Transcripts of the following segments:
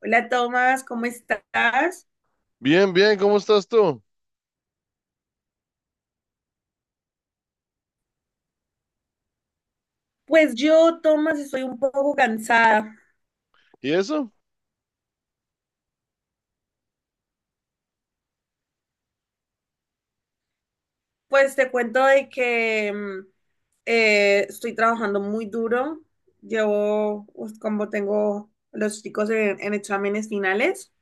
Hola Tomás, ¿cómo estás? Bien, bien, ¿cómo estás tú? Pues yo, Tomás, estoy un poco cansada. ¿Y eso? Pues te cuento de que estoy trabajando muy duro. Llevo, pues, como tengo los chicos en exámenes finales,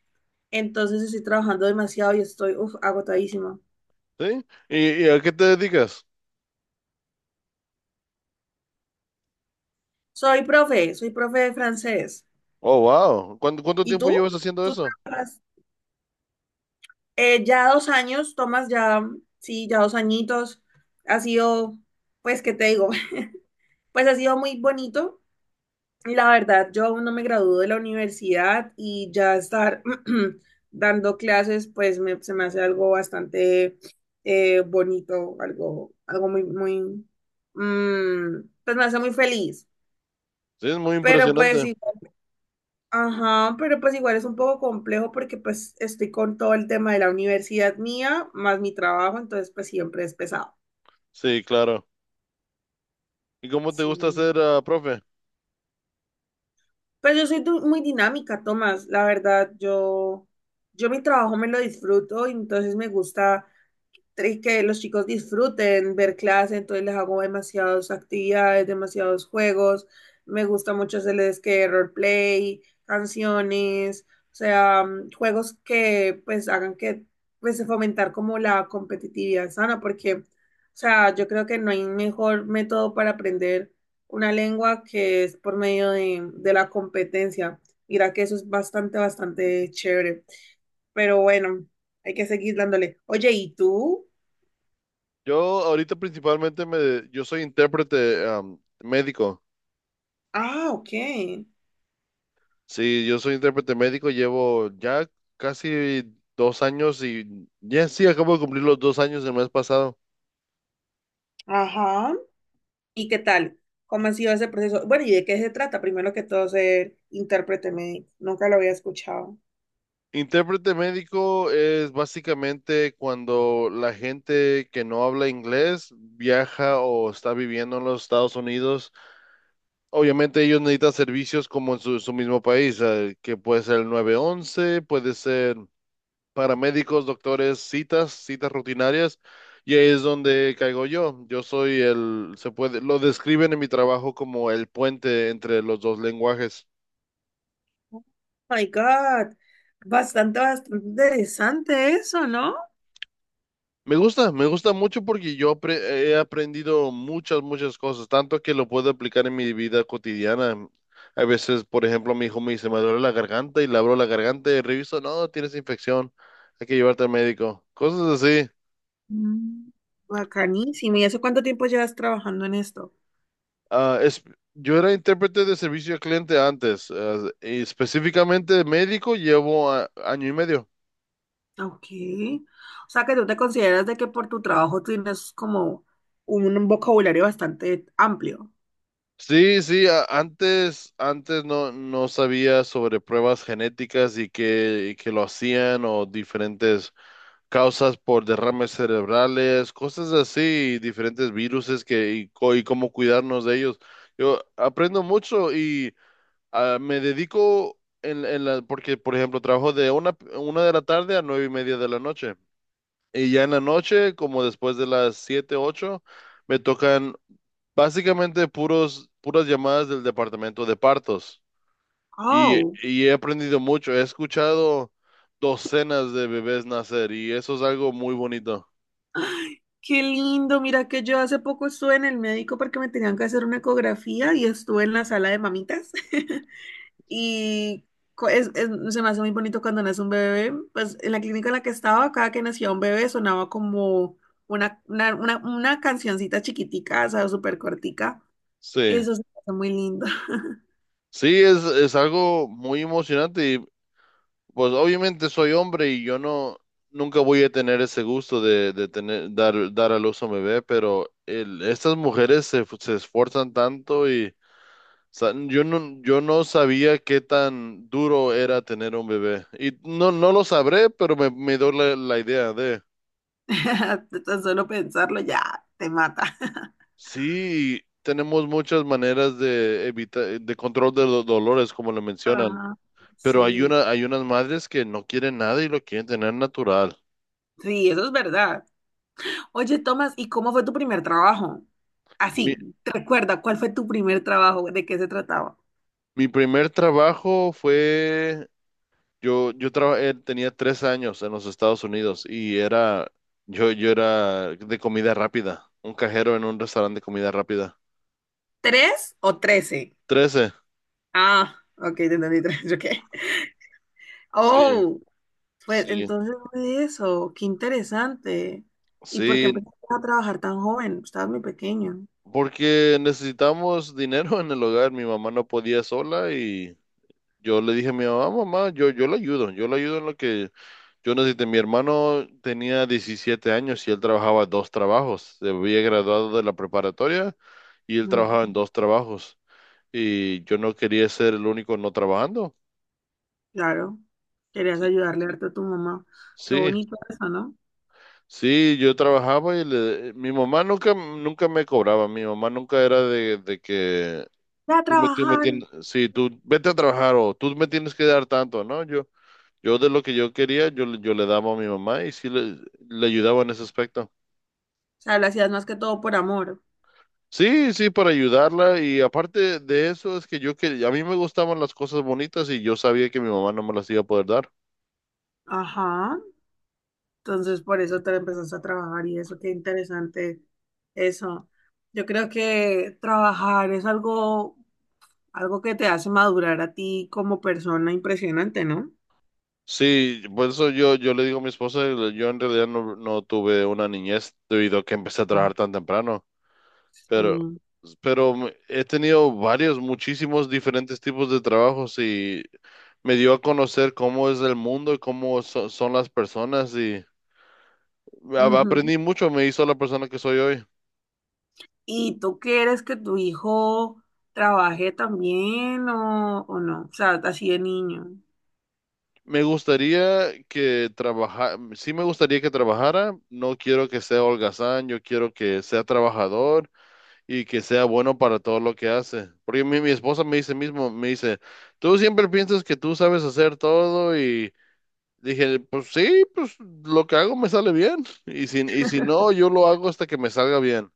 entonces estoy trabajando demasiado y estoy uf, agotadísima. ¿Sí? ¿Y a qué te dedicas? Soy profe de francés. Oh, wow. ¿Cuánto ¿Y tiempo llevas tú? haciendo ¿Tú eso? trabajas? Ya dos años, Tomás, ya, sí, ya dos añitos. Ha sido, pues, ¿qué te digo? Pues ha sido muy bonito. La verdad, yo aún no me gradúo de la universidad y ya estar dando clases, pues se me hace algo bastante bonito, algo, algo muy, muy, pues me hace muy feliz. Sí, es muy Pero pues, impresionante. igual- ajá, pero pues igual es un poco complejo porque pues estoy con todo el tema de la universidad mía, más mi trabajo, entonces pues siempre es pesado. Sí, claro. ¿Y cómo te gusta Sí. ser, profe? Pues yo soy muy dinámica, Tomás, la verdad, yo mi trabajo me lo disfruto y entonces me gusta tres, que los chicos disfruten ver clase, entonces les hago demasiadas actividades, demasiados juegos. Me gusta mucho hacerles que roleplay, canciones, o sea, juegos que pues hagan que pues fomentar como la competitividad sana, porque, o sea, yo creo que no hay mejor método para aprender una lengua que es por medio de la competencia. Mira que eso es bastante, bastante chévere. Pero bueno, hay que seguir dándole. Oye, ¿y tú? Yo ahorita principalmente yo soy intérprete, médico. Ah, ok. Sí, yo soy intérprete médico, llevo ya casi 2 años y ya sí, acabo de cumplir los 2 años el mes pasado. Ajá. ¿Y qué tal? ¿Cómo ha sido ese proceso? Bueno, ¿y de qué se trata? Primero que todo, ser intérprete médico. Nunca lo había escuchado. Intérprete médico es básicamente cuando la gente que no habla inglés viaja o está viviendo en los Estados Unidos. Obviamente ellos necesitan servicios como en su mismo país, que puede ser el 911, puede ser paramédicos, doctores, citas, citas rutinarias. Y ahí es donde caigo yo. Yo soy el, se puede, lo describen en mi trabajo como el puente entre los dos lenguajes. Oh my God. Bastante, bastante interesante eso, ¿no? Me gusta mucho porque he aprendido muchas, muchas cosas, tanto que lo puedo aplicar en mi vida cotidiana. A veces, por ejemplo, mi hijo me dice, me duele la garganta y le abro la garganta y reviso, no, tienes infección, hay que llevarte al médico. Cosas así. Mm, bacanísimo. ¿Y hace cuánto tiempo llevas trabajando en esto? Ah, yo era intérprete de servicio al cliente antes, y específicamente médico llevo año y medio. Ok. O sea, que tú te consideras de que por tu trabajo tienes como un vocabulario bastante amplio. Sí, sí, antes no, no sabía sobre pruebas genéticas y que lo hacían o diferentes causas por derrames cerebrales, cosas así, diferentes viruses y cómo cuidarnos de ellos. Yo aprendo mucho y me dedico porque, por ejemplo, trabajo de una de la tarde a 9:30 de la noche. Y ya en la noche, como después de las 7, 8, me tocan básicamente puras llamadas del departamento de partos. Y, Oh. y he aprendido mucho, he escuchado docenas de bebés nacer y eso es algo muy bonito. Ay, qué lindo, mira que yo hace poco estuve en el médico porque me tenían que hacer una ecografía y estuve en la sala de mamitas. Y co- es- es- se me hace muy bonito cuando nace un bebé. Pues en la clínica en la que estaba, cada que nacía un bebé sonaba como una cancioncita chiquitica, o sea, súper cortica. Sí, Eso se me hace muy lindo. sí, es algo muy emocionante y pues obviamente soy hombre y yo no, nunca voy a tener ese gusto de tener, dar a luz a un bebé, pero estas mujeres se esfuerzan tanto y yo no sabía qué tan duro era tener un bebé y no, no lo sabré, pero me dio la idea de. Tan solo pensarlo ya te mata. Sí, tenemos muchas maneras de evitar, de control de los dolores, como lo mencionan. Ah, Pero hay sí, una, hay unas madres que no quieren nada y lo quieren tener natural. sí, eso es verdad. Oye, Tomás, ¿y cómo fue tu primer trabajo? Mi, Así, recuerda, ¿cuál fue tu primer trabajo? ¿De qué se trataba? mi primer trabajo fue, yo trabajé, tenía 3 años en los Estados Unidos y yo era de comida rápida, un cajero en un restaurante de comida rápida. ¿Tres o trece? 13. Ah, ok, te entendí tres, ok. Sí, Oh, pues sí, entonces fue eso, qué interesante. ¿Y por qué sí, empezaste a trabajar tan joven? Estabas muy pequeño. porque necesitamos dinero en el hogar. Mi mamá no podía sola y yo le dije a mi mamá, mamá, yo la ayudo, yo la ayudo en lo que. Yo, Jonathan, mi hermano tenía 17 años y él trabajaba dos trabajos. Se había graduado de la preparatoria y él trabajaba en Ujú. dos trabajos. Y yo no quería ser el único no trabajando. Claro, querías ayudarle harto a tu mamá. Qué Sí, bonito eso, ¿no? sí, yo trabajaba y mi mamá nunca, nunca me cobraba. Mi mamá nunca era de que Ve a tú me trabajar. O tienes, sí, tú vete a trabajar o tú me tienes que dar tanto, ¿no? Yo de lo que yo quería, yo le daba a mi mamá y sí le ayudaba en ese aspecto. sea, lo hacías más que todo por amor. Sí, sí, para ayudarla y aparte de eso es que yo que a mí me gustaban las cosas bonitas y yo sabía que mi mamá no me las iba a poder dar. Ajá. Entonces, por eso te empezaste a trabajar y eso, qué interesante eso. Yo creo que trabajar es algo, algo que te hace madurar a ti como persona impresionante, ¿no? Sí, por eso yo le digo a mi esposa, yo en realidad no, no tuve una niñez debido a que empecé a trabajar Mm. tan temprano, pero, Sí. pero he tenido varios, muchísimos diferentes tipos de trabajos y me dio a conocer cómo es el mundo y cómo son las personas y Ujú. aprendí mucho, me hizo la persona que soy hoy. ¿Y tú quieres que tu hijo trabaje también o no? O sea, así de niño. Me gustaría que trabajara, sí me gustaría que trabajara, no quiero que sea holgazán, yo quiero que sea trabajador y que sea bueno para todo lo que hace. Porque mi esposa me dice mismo, me dice, tú siempre piensas que tú sabes hacer todo y dije, pues sí, pues lo que hago me sale bien y si no, yo lo hago hasta que me salga bien.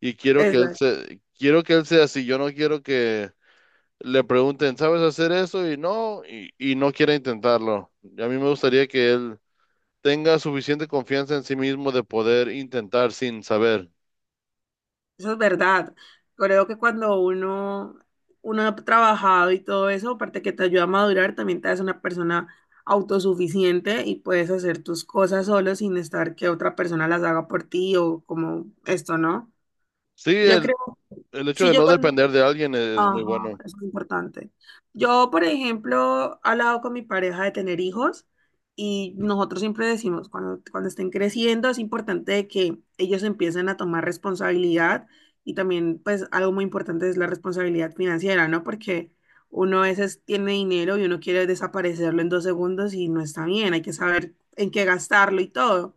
Y quiero que él Eso se, quiero que él sea así, yo no quiero que le pregunten, ¿sabes hacer eso? Y no, y no quiere intentarlo. Y a mí me gustaría que él tenga suficiente confianza en sí mismo de poder intentar sin saber. eso es verdad. Creo que cuando uno ha trabajado y todo eso, aparte que te ayuda a madurar, también te hace una persona autosuficiente y puedes hacer tus cosas solo sin estar que otra persona las haga por ti o como esto, ¿no? Sí, Yo el, creo, el hecho si de yo no cuando depender de alguien es ajá, muy bueno. eso es importante. Yo, por ejemplo, he hablado con mi pareja de tener hijos y nosotros siempre decimos, cuando estén creciendo es importante que ellos empiecen a tomar responsabilidad y también, pues, algo muy importante es la responsabilidad financiera, ¿no? Porque uno a veces tiene dinero y uno quiere desaparecerlo en dos segundos y no está bien, hay que saber en qué gastarlo y todo.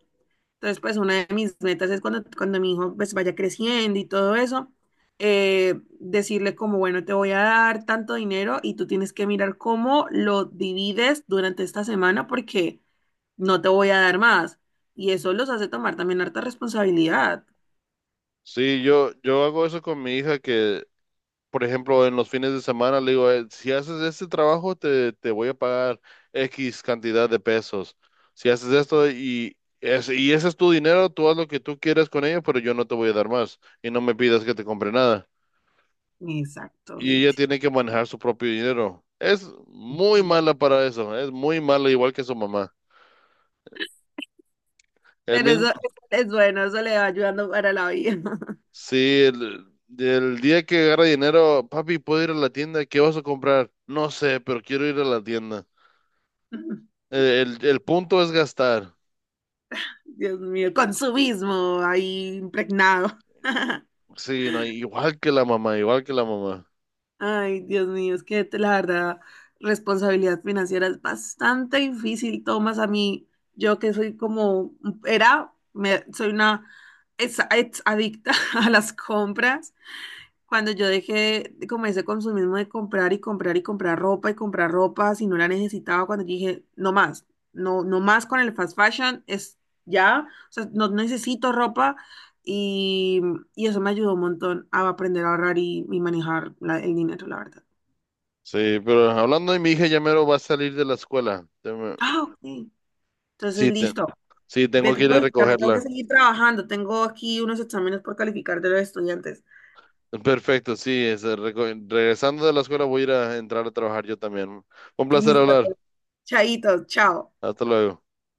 Entonces, pues una de mis metas es cuando mi hijo pues vaya creciendo y todo eso, eh, decirle como, bueno, te voy a dar tanto dinero y tú tienes que mirar cómo lo divides durante esta semana porque no te voy a dar más. Y eso los hace tomar también harta responsabilidad. Sí, yo hago eso con mi hija que, por ejemplo, en los fines de semana le digo, si haces este trabajo, te voy a pagar X cantidad de pesos. Si haces esto y ese es tu dinero, tú haz lo que tú quieras con ello, pero yo no te voy a dar más y no me pidas que te compre nada". Y ella Exactamente. tiene que manejar su propio dinero. Es muy mala para eso, es muy mala, igual que su mamá. El Pero mismo, eso es bueno, eso le va ayudando para la vida. sí, el, el día que agarra dinero. Papi, ¿puedo ir a la tienda? ¿Qué vas a comprar? No sé, pero quiero ir a la tienda. El punto es gastar. Dios mío, consumismo ahí impregnado. Sí, no, igual que la mamá, igual que la mamá. Ay, Dios mío, es que la verdad, responsabilidad financiera es bastante difícil, Tomás, a mí, yo que soy como, era, me, soy una ex, ex adicta a las compras, cuando yo dejé comencé como ese consumismo de comprar y comprar y comprar ropa si no la necesitaba, cuando dije, no más, no, no más con el fast fashion, es ya, o sea, no necesito ropa y, y eso me ayudó un montón a aprender a ahorrar y manejar el dinero, la verdad. Sí, pero hablando de mi hija, ya mero va a salir de la escuela. Ah, ok. Entonces, Sí, listo. sí, De tengo que, que ir no, a y también tengo que recogerla. seguir trabajando, tengo aquí unos exámenes por calificar de los estudiantes. Perfecto, sí, regresando de la escuela voy a ir a entrar a trabajar yo también. Un placer Listo, hablar. pues, chaitos, chao. Hasta luego.